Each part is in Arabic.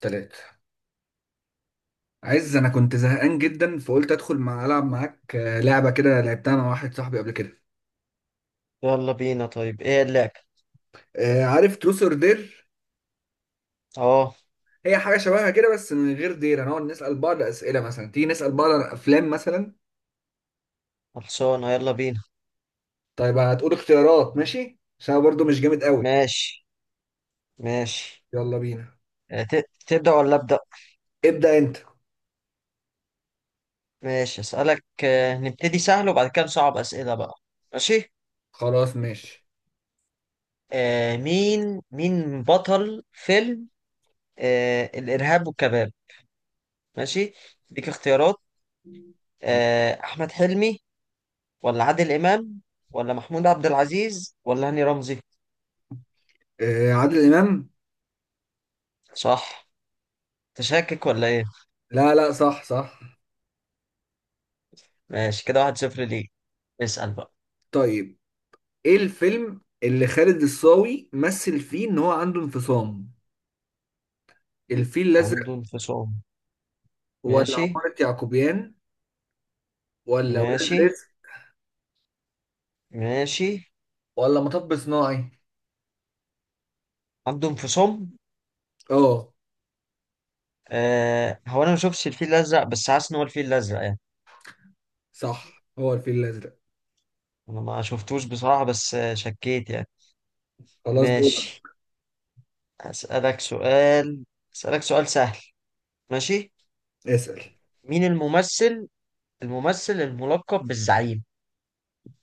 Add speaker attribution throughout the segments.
Speaker 1: تلاتة. عز انا كنت زهقان جدا فقلت ادخل العب معاك. لعبه كده لعبتها انا واحد صاحبي قبل كده.
Speaker 2: يلا بينا. طيب ايه اللعب؟
Speaker 1: عارف تروس اور دير؟
Speaker 2: اه.
Speaker 1: هي حاجه شبهها كده، بس من غير دير هنقعد نسال بعض اسئله، مثلا تيجي نسال بعض عن افلام مثلا.
Speaker 2: خلصانه، يلا بينا.
Speaker 1: طيب هتقول اختيارات، ماشي، عشان أنا برضو مش جامد قوي.
Speaker 2: ماشي. ماشي.
Speaker 1: يلا بينا.
Speaker 2: تبدأ ولا أبدأ؟
Speaker 1: ابدا انت.
Speaker 2: ماشي، أسألك. نبتدي سهل وبعد كده نصعب أسئلة بقى. ماشي.
Speaker 1: خلاص ماشي.
Speaker 2: مين بطل فيلم الإرهاب والكباب؟ ماشي، ديك اختيارات. أحمد حلمي، ولا عادل إمام، ولا محمود عبد العزيز، ولا هاني رمزي؟
Speaker 1: عادل امام.
Speaker 2: صح. تشكك ولا ايه؟
Speaker 1: لا لا، صح صح.
Speaker 2: ماشي، كده واحد صفر ليه. اسأل بقى.
Speaker 1: طيب ايه الفيلم اللي خالد الصاوي مثل فيه ان هو عنده انفصام؟ الفيل
Speaker 2: عنده
Speaker 1: الازرق،
Speaker 2: انفصام.
Speaker 1: ولا
Speaker 2: ماشي.
Speaker 1: عمارة يعقوبيان، ولا ولاد
Speaker 2: ماشي.
Speaker 1: رزق،
Speaker 2: ماشي.
Speaker 1: ولا مطب صناعي؟
Speaker 2: عنده انفصام.
Speaker 1: اه.
Speaker 2: آه، هو انا ما شفتش الفيل الازرق بس حاسس ان هو الفيل الازرق يعني.
Speaker 1: صح، هو الفيل الأزرق.
Speaker 2: انا ما شفتوش بصراحة، بس شكيت يعني.
Speaker 1: خلاص دول.
Speaker 2: ماشي. اسالك سؤال. اسالك سؤال سهل. ماشي.
Speaker 1: اسأل.
Speaker 2: مين الممثل الممثل الملقب بالزعيم؟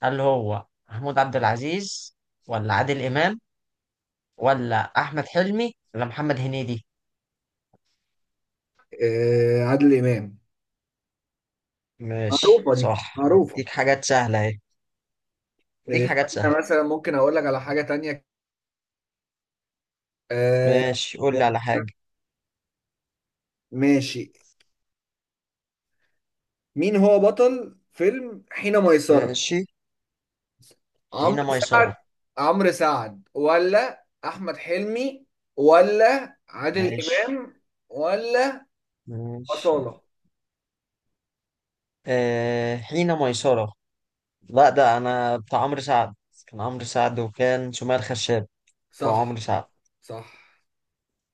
Speaker 2: هل هو محمود عبد العزيز، ولا عادل امام، ولا احمد حلمي، ولا محمد هنيدي؟
Speaker 1: آه، عادل إمام.
Speaker 2: ماشي،
Speaker 1: معروفة دي،
Speaker 2: صح.
Speaker 1: معروفة.
Speaker 2: ديك حاجات سهلة اهي. ديك حاجات سهلة.
Speaker 1: استنى، مثلا ممكن أقول لك على حاجة تانية. آه.
Speaker 2: ماشي، قول لي على حاجة.
Speaker 1: ماشي. مين هو بطل فيلم حين ميسرة؟
Speaker 2: ماشي.
Speaker 1: عمرو
Speaker 2: حين
Speaker 1: سعد،
Speaker 2: ميسرة.
Speaker 1: عمرو سعد ولا أحمد حلمي، ولا عادل
Speaker 2: ماشي.
Speaker 1: إمام، ولا
Speaker 2: ماشي.
Speaker 1: أصالة؟
Speaker 2: آه، حين ميسرة. لا، ده أنا بتاع عمرو سعد. كان عمرو سعد وكان سمية الخشاب، بتوع
Speaker 1: صح.
Speaker 2: عمرو سعد.
Speaker 1: صح.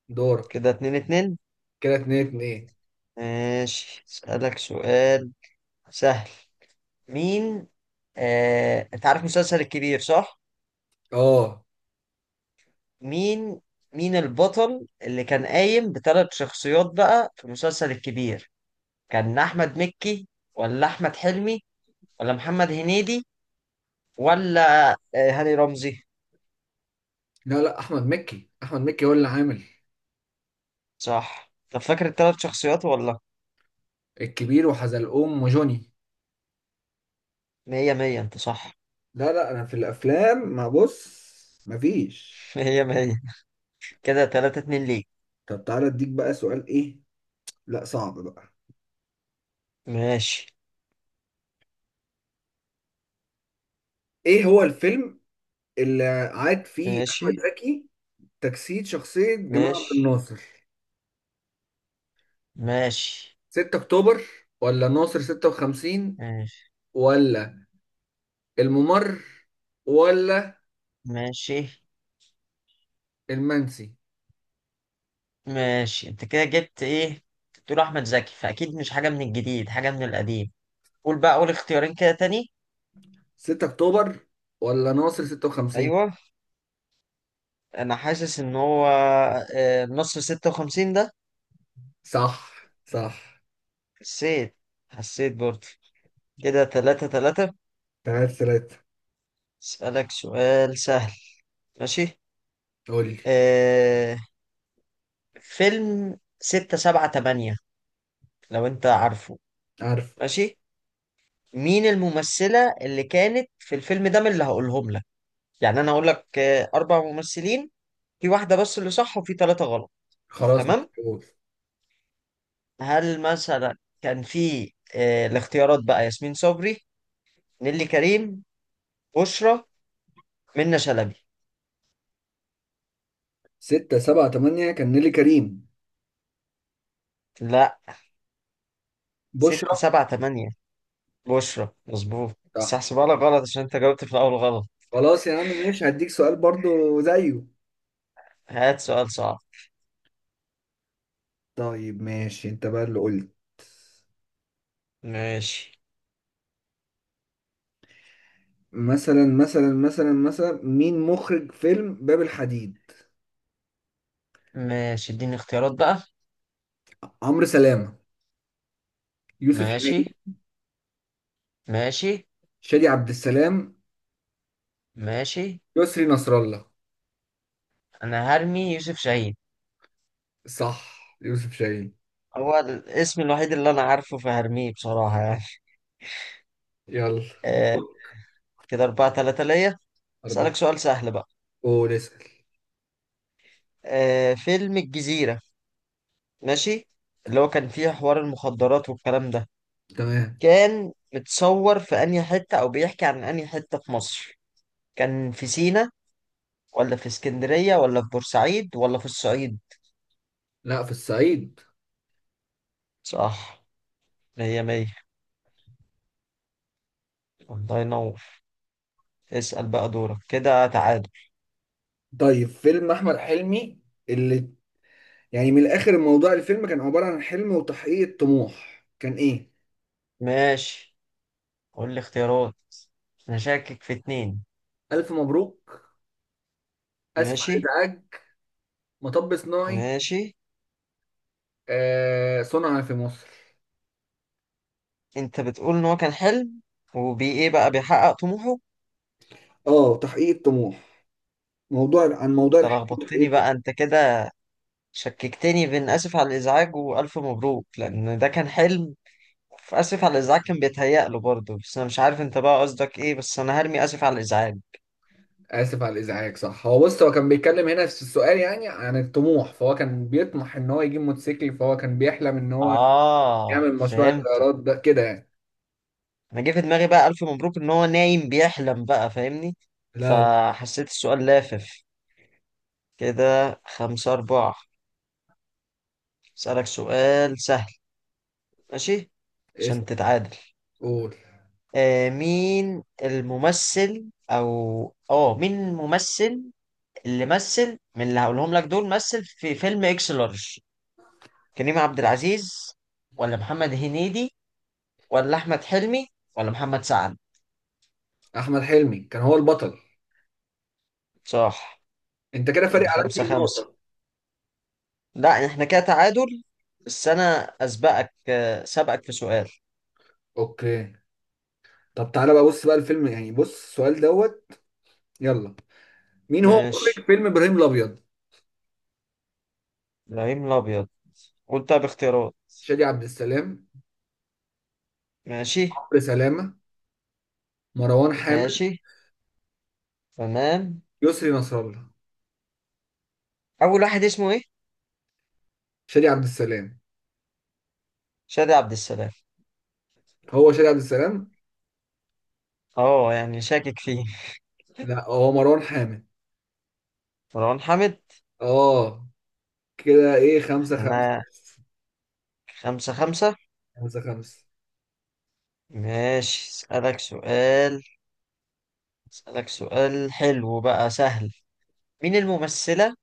Speaker 1: دورك.
Speaker 2: كده اتنين اتنين.
Speaker 1: كده اتنين اتنين.
Speaker 2: ماشي أسألك سؤال سهل. مين؟ آه، أنت عارف مسلسل الكبير صح؟
Speaker 1: اه.
Speaker 2: مين مين البطل اللي كان قايم بثلاث شخصيات بقى في مسلسل الكبير؟ كان أحمد مكي، ولا أحمد حلمي، ولا محمد هنيدي، ولا هاني رمزي؟
Speaker 1: لا لا، احمد مكي، احمد مكي هو اللي عامل
Speaker 2: صح. طب فاكر الثلاث شخصيات ولا؟
Speaker 1: الكبير وحزلقوم وجوني.
Speaker 2: مية مية، انت صح.
Speaker 1: لا لا، انا في الافلام ما بص مفيش.
Speaker 2: مية مية. كده تلاتة اتنين ليك.
Speaker 1: طب تعالى اديك بقى سؤال. ايه؟ لا صعب بقى.
Speaker 2: ماشي.
Speaker 1: ايه هو الفيلم اللي عاد فيه احمد
Speaker 2: ماشي.
Speaker 1: زكي تجسيد شخصية جمال عبد
Speaker 2: ماشي.
Speaker 1: الناصر؟
Speaker 2: ماشي.
Speaker 1: 6 اكتوبر، ولا ناصر 56،
Speaker 2: ماشي.
Speaker 1: ولا الممر، ولا
Speaker 2: ماشي.
Speaker 1: المنسي؟
Speaker 2: ماشي انت كده جبت ايه. تقول احمد زكي فاكيد مش حاجة من الجديد، حاجة من القديم. قول بقى اول اختيارين كده تاني.
Speaker 1: 6 اكتوبر ولا ناصر 56؟
Speaker 2: ايوه. انا حاسس ان هو نص ستة وخمسين ده.
Speaker 1: صح. صح.
Speaker 2: حسيت. حسيت برضه. كده تلاتة تلاتة.
Speaker 1: تعال ثلاثة.
Speaker 2: اسألك سؤال سهل. ماشي.
Speaker 1: قول لي.
Speaker 2: آه، فيلم ستة سبعة تمانية، لو انت عارفه.
Speaker 1: عارف.
Speaker 2: ماشي. مين الممثلة اللي كانت في الفيلم ده من اللي هقولهم لك؟ يعني انا هقول لك اربع ممثلين، في واحدة بس اللي صح وفي ثلاثة غلط.
Speaker 1: خلاص
Speaker 2: تمام.
Speaker 1: محفوظ.
Speaker 2: هل مثلا كان في الاختيارات بقى ياسمين صبري، نيلي كريم، بشرى، منة شلبي؟
Speaker 1: ستة سبعة تمانية كان نيلي كريم.
Speaker 2: لا،
Speaker 1: بشرى.
Speaker 2: ستة سبعة تمانية بشرى مظبوط، بس
Speaker 1: صح.
Speaker 2: هحسبها لك غلط عشان انت جاوبت في الاول غلط.
Speaker 1: خلاص يا عم ماشي، هديك سؤال برضو زيه.
Speaker 2: هات سؤال صعب.
Speaker 1: طيب ماشي انت بقى اللي قلت.
Speaker 2: ماشي.
Speaker 1: مثلا مين مخرج فيلم باب الحديد؟
Speaker 2: ماشي اديني اختيارات بقى.
Speaker 1: عمرو سلامة، يوسف شاهين،
Speaker 2: ماشي. ماشي.
Speaker 1: شادي عبد السلام،
Speaker 2: ماشي.
Speaker 1: يسري نصر الله.
Speaker 2: انا هرمي يوسف شاهين.
Speaker 1: صح، يوسف شاهين.
Speaker 2: هو الاسم الوحيد اللي انا عارفه فهرميه بصراحة يعني.
Speaker 1: يلا.
Speaker 2: آه. كده اربعة تلاتة ليا. اسألك
Speaker 1: أربعة.
Speaker 2: سؤال سهل بقى.
Speaker 1: قول اسأل.
Speaker 2: آه، فيلم الجزيرة. ماشي. اللي هو كان فيه حوار المخدرات والكلام ده،
Speaker 1: تمام.
Speaker 2: كان متصور في انهي حتة او بيحكي عن انهي حتة في مصر؟ كان في سينا، ولا في اسكندرية، ولا في بورسعيد، ولا في الصعيد؟
Speaker 1: لا، في الصعيد.
Speaker 2: صح. مية مية. الله ينور. اسأل بقى دورك، كده تعادل.
Speaker 1: طيب، فيلم احمد حلمي اللي يعني من الاخر الموضوع، الفيلم كان عباره عن حلم وتحقيق طموح، كان ايه؟
Speaker 2: ماشي، قول لي اختيارات. انا شاكك في اتنين.
Speaker 1: الف مبروك. اسف على
Speaker 2: ماشي.
Speaker 1: الازعاج. مطب صناعي.
Speaker 2: ماشي.
Speaker 1: آه، صنع في مصر.
Speaker 2: انت بتقول ان هو كان حلم، وبي ايه بقى بيحقق طموحه؟
Speaker 1: اه، تحقيق الطموح. موضوع عن موضوع
Speaker 2: انت
Speaker 1: الحلم وتحقيق
Speaker 2: لخبطتني
Speaker 1: الطموح.
Speaker 2: بقى انت كده. شككتني بين اسف على الازعاج والف مبروك، لان ده كان حلم في اسف على الازعاج، كان بيتهيأ له برضه. بس انا مش عارف انت بقى قصدك ايه، بس انا هرمي اسف على الازعاج.
Speaker 1: اسف على الازعاج، صح. هو بص، هو كان بيتكلم هنا في السؤال يعني عن الطموح، فهو كان بيطمح ان هو يجيب موتوسيكل، فهو كان بيحلم ان هو
Speaker 2: اه،
Speaker 1: يعمل مشروع
Speaker 2: فهمت.
Speaker 1: الطيارات ده كده يعني.
Speaker 2: انا جه في دماغي بقى الف مبروك، ان هو نايم بيحلم بقى، فاهمني.
Speaker 1: لا لا.
Speaker 2: فحسيت السؤال لافف. كده خمسة أربعة. أسألك سؤال سهل. ماشي.
Speaker 1: اسف.
Speaker 2: عشان تتعادل.
Speaker 1: قول.
Speaker 2: آه مين الممثل أو مين الممثل اللي مثل من اللي هقولهم لك دول مثل في فيلم إكس لارج؟ كريم عبد العزيز، ولا محمد هنيدي، ولا أحمد حلمي، ولا محمد سعد؟
Speaker 1: احمد حلمي كان هو البطل.
Speaker 2: صح.
Speaker 1: انت كده فارق
Speaker 2: كده
Speaker 1: عليك
Speaker 2: خمسة خمسة.
Speaker 1: بالنقطه.
Speaker 2: لا، إحنا كده تعادل. بس أنا أسبقك سبقك في سؤال.
Speaker 1: اوكي. طب تعالى بقى، بص بقى الفيلم، يعني بص السؤال دوت. يلا. مين هو مخرج
Speaker 2: ماشي.
Speaker 1: فيلم ابراهيم الابيض؟
Speaker 2: إبراهيم الأبيض. قول طب اختيارات.
Speaker 1: شادي عبد السلام،
Speaker 2: ماشي.
Speaker 1: عمرو سلامه، مروان حامد،
Speaker 2: ماشي. تمام.
Speaker 1: يسري نصر الله.
Speaker 2: اول واحد اسمه ايه؟
Speaker 1: شادي عبد السلام.
Speaker 2: شادي عبد السلام.
Speaker 1: هو شادي عبد السلام.
Speaker 2: اه، يعني شاكك فيه.
Speaker 1: لا، هو مروان حامد.
Speaker 2: مروان حامد.
Speaker 1: اه. كده ايه، خمسة خمسة؟
Speaker 2: احنا خمسة خمسة.
Speaker 1: خمسة خمسة.
Speaker 2: ماشي اسألك سؤال. اسألك سؤال حلو بقى سهل. مين الممثلة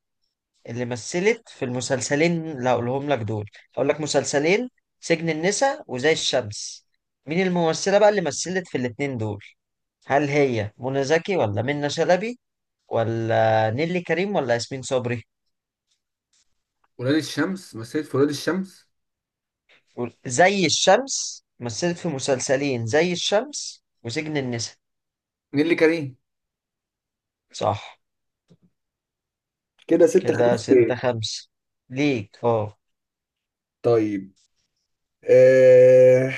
Speaker 2: اللي مثلت في المسلسلين اللي هقولهم لك دول؟ هقول لك مسلسلين: سجن النساء وزي الشمس. مين الممثلة بقى اللي مثلت في الاتنين دول؟ هل هي منى زكي، ولا منى شلبي، ولا نيلي كريم، ولا ياسمين صبري؟
Speaker 1: ولاد الشمس، مثلت في ولاد الشمس.
Speaker 2: قول. زي الشمس مثلت في مسلسلين، زي الشمس وسجن النساء.
Speaker 1: نيللي كريم.
Speaker 2: صح.
Speaker 1: كده ستة
Speaker 2: كده
Speaker 1: خمسة.
Speaker 2: ستة خمسة ليك، اه.
Speaker 1: طيب. آه...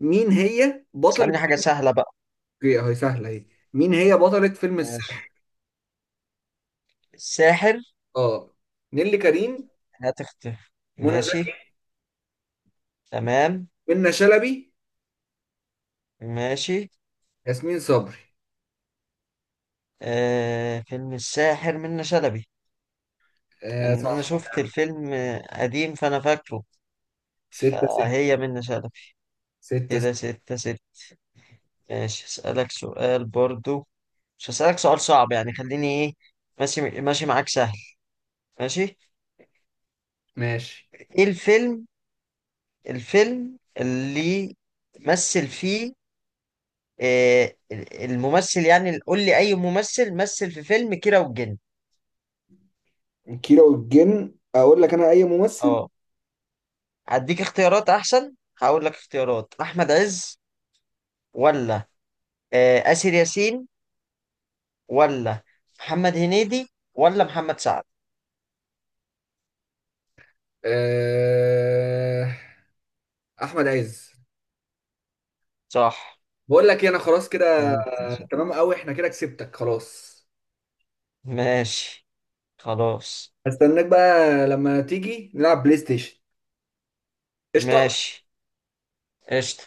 Speaker 1: مين هي بطلة.
Speaker 2: اسألني حاجة سهلة بقى.
Speaker 1: اوكي اهي سهله اهي. مين هي بطلة فيلم
Speaker 2: ماشي.
Speaker 1: الساحر؟
Speaker 2: الساحر.
Speaker 1: اه. نيللي كريم،
Speaker 2: هتختفي.
Speaker 1: منى
Speaker 2: ماشي.
Speaker 1: زكي،
Speaker 2: تمام.
Speaker 1: منى شلبي،
Speaker 2: ماشي.
Speaker 1: ياسمين صبري.
Speaker 2: آه، فيلم الساحر منة شلبي.
Speaker 1: آه
Speaker 2: لأن أنا
Speaker 1: صح.
Speaker 2: شفت الفيلم قديم فأنا فاكره.
Speaker 1: ستة ستة.
Speaker 2: فهي منة شلبي.
Speaker 1: ستة ستة.
Speaker 2: كده ستة ستة. ماشي أسألك سؤال برضو. مش هسألك سؤال صعب يعني، خليني إيه، ماشي ماشي معاك سهل. ماشي.
Speaker 1: ماشي.
Speaker 2: ايه الفيلم الفيلم اللي مثل فيه آه، الممثل، يعني قول لي اي ممثل مثل في فيلم كيرة والجن؟
Speaker 1: كيرة والجن، اقول لك انا اي ممثل؟
Speaker 2: اه. هديك اختيارات احسن. هقول لك اختيارات: احمد عز، ولا آسر ياسين، ولا محمد هنيدي، ولا محمد سعد؟
Speaker 1: آه... احمد عز.
Speaker 2: صح.
Speaker 1: بقول لك إيه، انا خلاص كده.
Speaker 2: انت-
Speaker 1: تمام قوي، احنا كده كسبتك، خلاص.
Speaker 2: ماشي. خلاص.
Speaker 1: هستناك بقى لما تيجي نلعب بلاي ستيشن. قشطة.
Speaker 2: ماشي. قشطة.